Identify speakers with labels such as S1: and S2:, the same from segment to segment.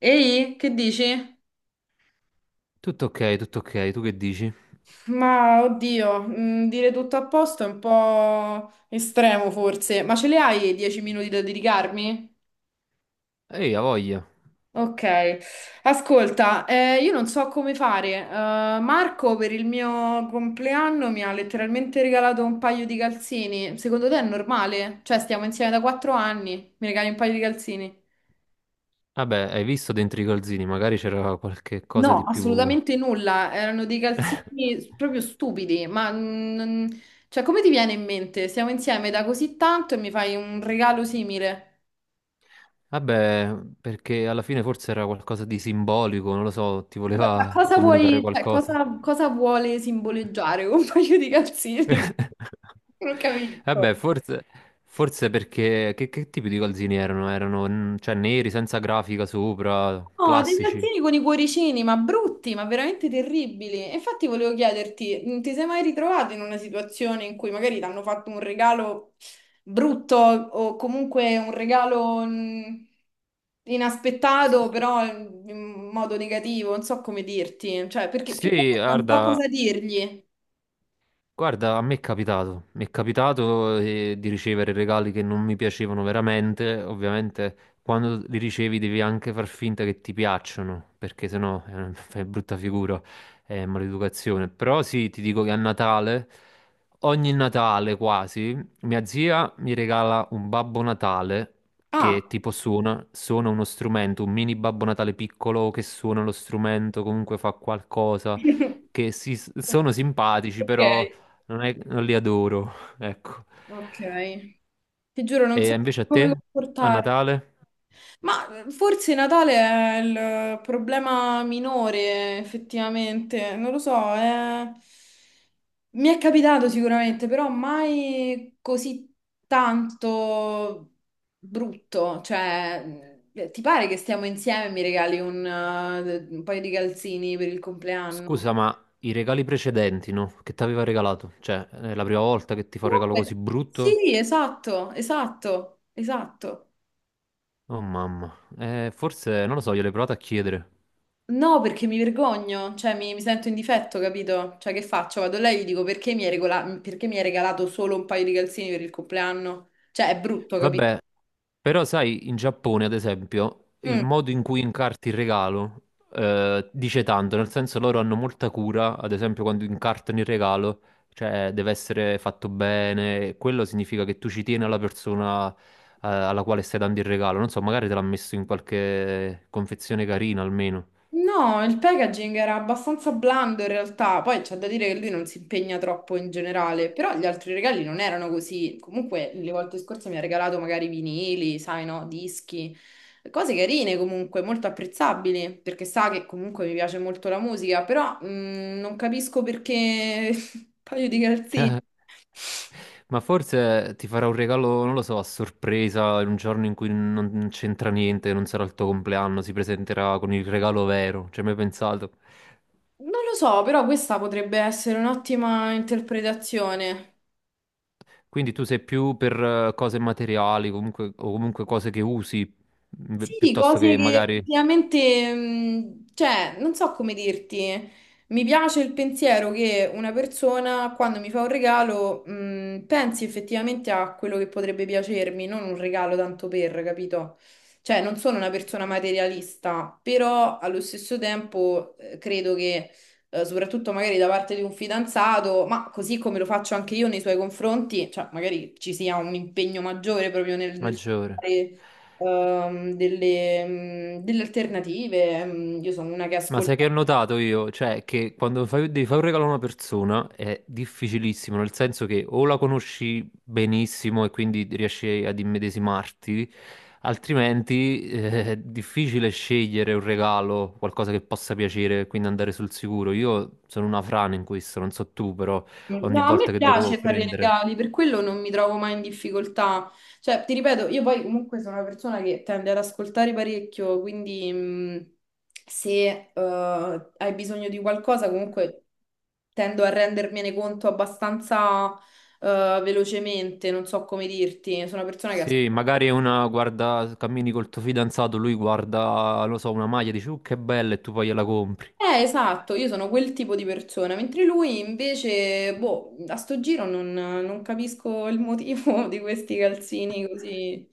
S1: Ehi, che dici?
S2: Tutto ok, tu che dici?
S1: Ma oddio, dire tutto a posto è un po' estremo forse, ma ce le hai 10 minuti da dedicarmi?
S2: Ehi, ha voglia.
S1: Ok, ascolta, io non so come fare. Marco per il mio compleanno mi ha letteralmente regalato un paio di calzini. Secondo te è normale? Cioè, stiamo insieme da 4 anni, mi regali un paio di calzini?
S2: Vabbè, hai visto dentro i calzini, magari c'era qualche cosa
S1: No,
S2: di più.
S1: assolutamente nulla, erano dei calzini proprio stupidi, ma cioè, come ti viene in mente? Siamo insieme da così tanto e mi fai un regalo simile.
S2: Vabbè, perché alla fine forse era qualcosa di simbolico, non lo so, ti
S1: Ma
S2: voleva
S1: cosa
S2: comunicare
S1: vuoi, cioè,
S2: qualcosa.
S1: cosa vuole simboleggiare un paio di calzini? Non capisco.
S2: Vabbè, forse perché... Che, tipo di calzini erano? Erano, cioè, neri, senza grafica sopra,
S1: Oh, dei
S2: classici?
S1: salsini con i cuoricini, ma brutti, ma veramente terribili. E infatti volevo chiederti, ti sei mai ritrovato in una situazione in cui magari ti hanno fatto un regalo brutto o comunque un regalo
S2: S-
S1: inaspettato, però in modo negativo, non so come dirti, cioè perché più che
S2: Sì,
S1: altro non so
S2: guarda...
S1: cosa dirgli.
S2: Guarda, a me è capitato, mi è capitato di ricevere regali che non mi piacevano veramente, ovviamente quando li ricevi devi anche far finta che ti piacciono, perché sennò fai brutta figura, è maleducazione. Però sì, ti dico che a Natale, ogni Natale quasi, mia zia mi regala un Babbo Natale
S1: Ah.
S2: che tipo suona, suona uno strumento, un mini Babbo Natale piccolo che suona lo strumento, comunque fa qualcosa, che sono simpatici,
S1: Ok,
S2: però non li adoro, ecco.
S1: ok. Ti giuro, non so
S2: E invece a te,
S1: come
S2: a
S1: comportarmi.
S2: Natale,
S1: Ma forse Natale è il problema minore, effettivamente, non lo so, è- mi è capitato sicuramente, però mai così tanto brutto, cioè ti pare che stiamo insieme e mi regali un paio di calzini per il compleanno?
S2: scusa, ma i regali precedenti, no? Che ti aveva regalato? Cioè, è la prima volta che ti fa un regalo così
S1: Comunque,
S2: brutto?
S1: sì, esatto, esatto, esatto.
S2: Oh mamma, eh, forse, non lo so, gliel'ho provato a chiedere.
S1: No, perché mi vergogno, cioè mi sento in difetto, capito? Cioè che faccio? Vado là e gli dico perché mi hai regola- perché mi hai regalato solo un paio di calzini per il compleanno? Cioè è brutto, capito?
S2: Vabbè, però sai, in Giappone, ad esempio, il
S1: Mm.
S2: modo in cui incarti il regalo dice tanto, nel senso loro hanno molta cura, ad esempio quando incartano il regalo, cioè deve essere fatto bene, e quello significa che tu ci tieni alla persona alla quale stai dando il regalo, non so, magari te l'ha messo in qualche confezione carina almeno.
S1: No, il packaging era abbastanza blando in realtà, poi c'è da dire che lui non si impegna troppo in generale, però gli altri regali non erano così. Comunque le volte scorse mi ha regalato magari vinili, sai no, dischi, cose carine comunque, molto apprezzabili, perché sa che comunque mi piace molto la musica, però non capisco perché un paio di calzini.
S2: Ma forse ti farà un regalo, non lo so, a sorpresa, in un giorno in cui non c'entra niente, non sarà il tuo compleanno, si presenterà con il regalo vero, ci hai mai pensato?
S1: Non lo so, però questa potrebbe essere un'ottima interpretazione.
S2: Quindi tu sei più per cose materiali, comunque, o comunque cose che usi,
S1: Sì,
S2: piuttosto
S1: cose
S2: che
S1: che
S2: magari
S1: effettivamente, cioè, non so come dirti, mi piace il pensiero che una persona quando mi fa un regalo, pensi effettivamente a quello che potrebbe piacermi, non un regalo tanto per, capito? Cioè, non sono una persona materialista, però allo stesso tempo credo che, soprattutto magari da parte di un fidanzato, ma così come lo faccio anche io nei suoi confronti, cioè, magari ci sia un impegno maggiore proprio nel
S2: maggiore.
S1: fare ehm, delle, delle alternative. Io sono una che
S2: Ma
S1: ascolta.
S2: sai che ho notato io? Cioè, che quando devi fare un regalo a una persona è difficilissimo, nel senso che o la conosci benissimo e quindi riesci ad immedesimarti, altrimenti è difficile scegliere un regalo, qualcosa che possa piacere, quindi andare sul sicuro. Io sono una frana in questo, non so tu, però ogni
S1: No, a me
S2: volta che devo
S1: piace fare i
S2: prendere...
S1: regali, per quello non mi trovo mai in difficoltà. Cioè, ti ripeto, io poi comunque sono una persona che tende ad ascoltare parecchio, quindi se hai bisogno di qualcosa, comunque tendo a rendermene conto abbastanza velocemente, non so come dirti, sono una persona che ascolta.
S2: Sì, magari una guarda, cammini col tuo fidanzato, lui guarda, non lo so, una maglia, dici, che bella, e tu poi gliela compri.
S1: Esatto, io sono quel tipo di persona, mentre lui invece, boh, a sto giro non capisco il motivo di questi calzini così.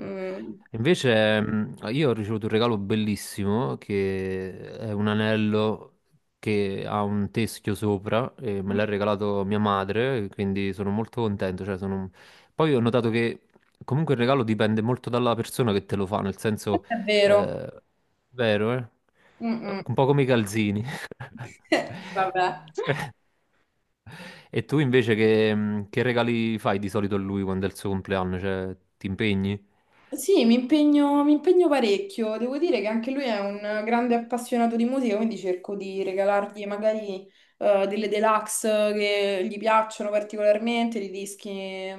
S1: Mm.
S2: Invece, io ho ricevuto un regalo bellissimo che è un anello che ha un teschio sopra e me l'ha regalato mia madre, quindi sono molto contento. Cioè poi ho notato che comunque il regalo dipende molto dalla persona che te lo fa, nel senso,
S1: È vero.
S2: eh, vero, eh?
S1: Mm, mm.
S2: Un po' come i calzini.
S1: Vabbè.
S2: E tu invece che, che regali fai di solito a lui quando è il suo compleanno? Cioè, ti impegni?
S1: Sì, mi impegno parecchio. Devo dire che anche lui è un grande appassionato di musica, quindi cerco di regalargli magari delle deluxe che gli piacciono particolarmente, dei dischi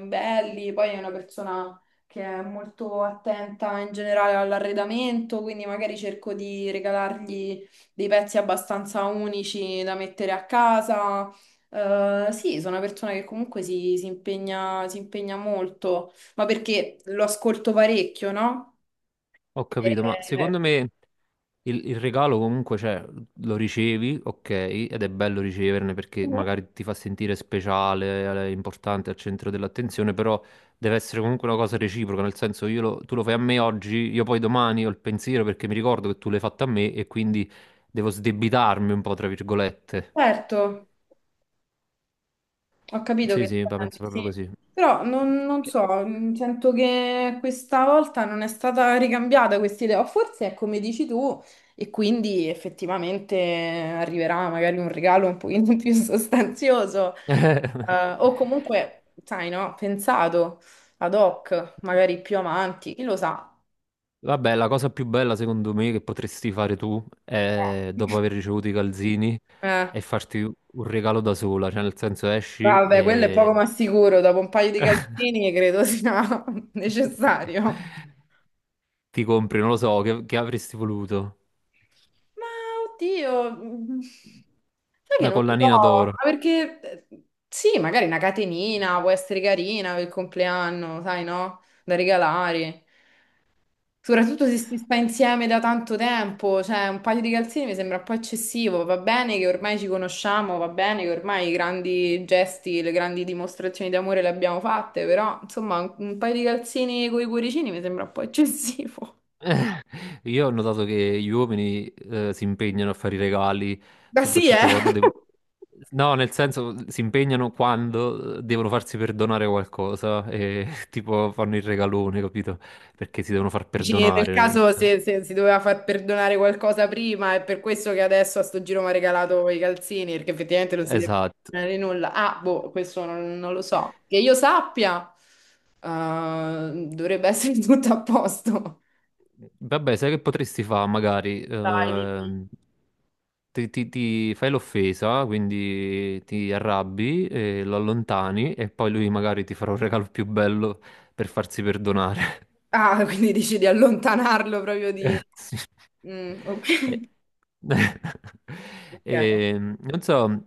S1: belli. Poi è una persona che è molto attenta in generale all'arredamento, quindi magari cerco di regalargli dei pezzi abbastanza unici da mettere a casa. Sì, sono una persona che comunque si impegna molto ma perché lo ascolto parecchio, no?
S2: Ho capito, ma
S1: Eh,
S2: secondo me il regalo comunque, cioè, lo ricevi, ok, ed è bello riceverne perché magari ti fa sentire speciale, importante, al centro dell'attenzione, però deve essere comunque una cosa reciproca, nel senso tu lo fai a me oggi, io poi domani ho il pensiero perché mi ricordo che tu l'hai fatto a me e quindi devo sdebitarmi un po', tra virgolette.
S1: certo, ho capito che
S2: Sì, sì, la penso
S1: intendi,
S2: proprio
S1: sì.
S2: così.
S1: Però non so, sento che questa volta non è stata ricambiata questa idea, o forse è come dici tu, e quindi effettivamente arriverà magari un regalo un pochino più sostanzioso, o comunque, sai, no, pensato ad hoc, magari più avanti, chi lo sa.
S2: Vabbè, la cosa più bella secondo me che potresti fare tu è dopo aver ricevuto i calzini
S1: Eh.
S2: è farti un regalo da sola, cioè nel senso esci
S1: Ah, vabbè, quello è poco
S2: e
S1: ma sicuro, dopo un paio di calzini credo sia necessario.
S2: ti compri, non lo so, che avresti voluto?
S1: Ma oddio, sai che
S2: Una
S1: non lo so,
S2: collanina d'oro.
S1: ma perché sì, magari una catenina può essere carina per il compleanno, sai no? Da regalare. Soprattutto se si sta insieme da tanto tempo, cioè un paio di calzini mi sembra un po' eccessivo, va bene che ormai ci conosciamo, va bene che ormai i grandi gesti, le grandi dimostrazioni d'amore le abbiamo fatte, però insomma un paio di calzini con i cuoricini mi sembra un po' eccessivo.
S2: Io ho notato che gli uomini si impegnano a fare i regali,
S1: Ma sì, eh?
S2: soprattutto quando devono... No, nel senso, si impegnano quando devono farsi perdonare qualcosa e tipo fanno il regalone, capito? Perché si devono far
S1: Dici, nel
S2: perdonare. Non
S1: caso
S2: so.
S1: se si doveva far perdonare qualcosa prima, è per questo che adesso a sto giro mi ha regalato i calzini, perché effettivamente non si deve
S2: Esatto.
S1: perdonare nulla. Ah, boh, questo non lo so. Che io sappia, dovrebbe essere tutto a posto.
S2: Vabbè, sai che potresti fare? Magari
S1: Dai, dimmi.
S2: ti fai l'offesa, quindi ti arrabbi, e lo allontani e poi lui magari ti farà un regalo più bello per farsi perdonare.
S1: Ah, quindi dici di allontanarlo proprio di...
S2: Sì.
S1: Mm,
S2: Eh,
S1: ok. Ok.
S2: non so,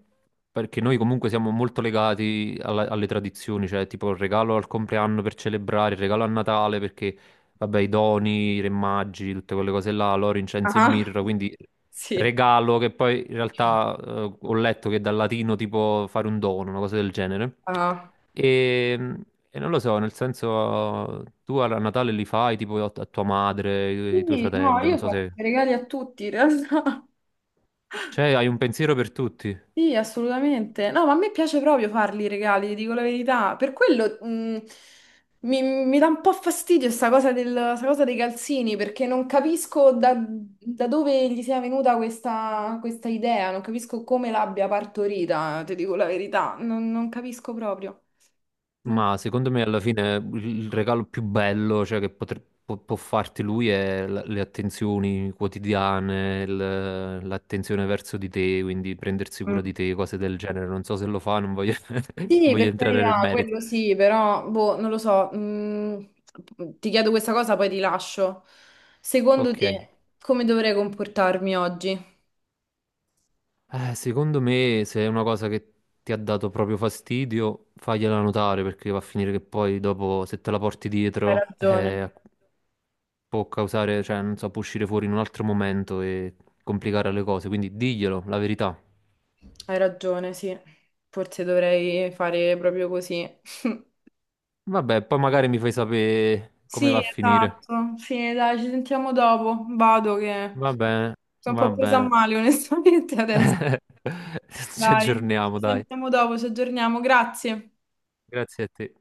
S2: perché noi comunque siamo molto legati alle tradizioni, cioè tipo il regalo al compleanno per celebrare, il regalo a Natale perché, vabbè, i doni, i re magi, tutte quelle cose là, l'oro, incenso e
S1: Ah,
S2: mirra, quindi
S1: sì.
S2: regalo, che poi in realtà ho letto che dal latino tipo fare un dono, una cosa del genere.
S1: Ah.
S2: E, e non lo so, nel senso, tu a Natale li fai tipo a tua madre, ai tuoi
S1: Quindi, no,
S2: fratelli, non
S1: io
S2: so
S1: faccio
S2: se...
S1: i regali a tutti in realtà.
S2: Cioè, hai un pensiero per tutti.
S1: Sì, assolutamente. No, ma a me piace proprio farli i regali, ti dico la verità. Per quello mi dà un po' fastidio sta cosa, del- sta cosa dei calzini, perché non capisco da dove gli sia venuta questa idea, non capisco come l'abbia partorita, ti dico la verità. Non capisco proprio. Non-
S2: Ma secondo me alla fine il regalo più bello, cioè, che può, può farti lui è le attenzioni quotidiane, l'attenzione verso di te, quindi prendersi cura
S1: Mm.
S2: di te, cose del genere. Non so se lo fa, non voglio,
S1: Sì,
S2: voglio
S1: per
S2: entrare nel
S1: carità,
S2: merito.
S1: quello sì, però, boh, non lo so. Ti chiedo questa cosa, poi ti lascio. Secondo
S2: Ok.
S1: te, come dovrei comportarmi oggi?
S2: Secondo me, se è una cosa che ti ha dato proprio fastidio, fagliela notare perché va a finire che poi dopo, se te la porti
S1: Hai
S2: dietro,
S1: ragione,
S2: può causare, cioè, non so, può uscire fuori in un altro momento e complicare le cose. Quindi diglielo, la verità.
S1: hai ragione, sì. Forse dovrei fare proprio così.
S2: Vabbè, poi magari mi fai sapere come va
S1: Sì,
S2: a finire.
S1: esatto. Sì, dai, ci sentiamo dopo. Vado che
S2: Va bene,
S1: sono un
S2: va
S1: po' presa a
S2: bene.
S1: male, onestamente, adesso.
S2: Ci
S1: Dai,
S2: aggiorniamo,
S1: ci
S2: dai.
S1: sentiamo dopo, ci aggiorniamo. Grazie.
S2: Grazie a te.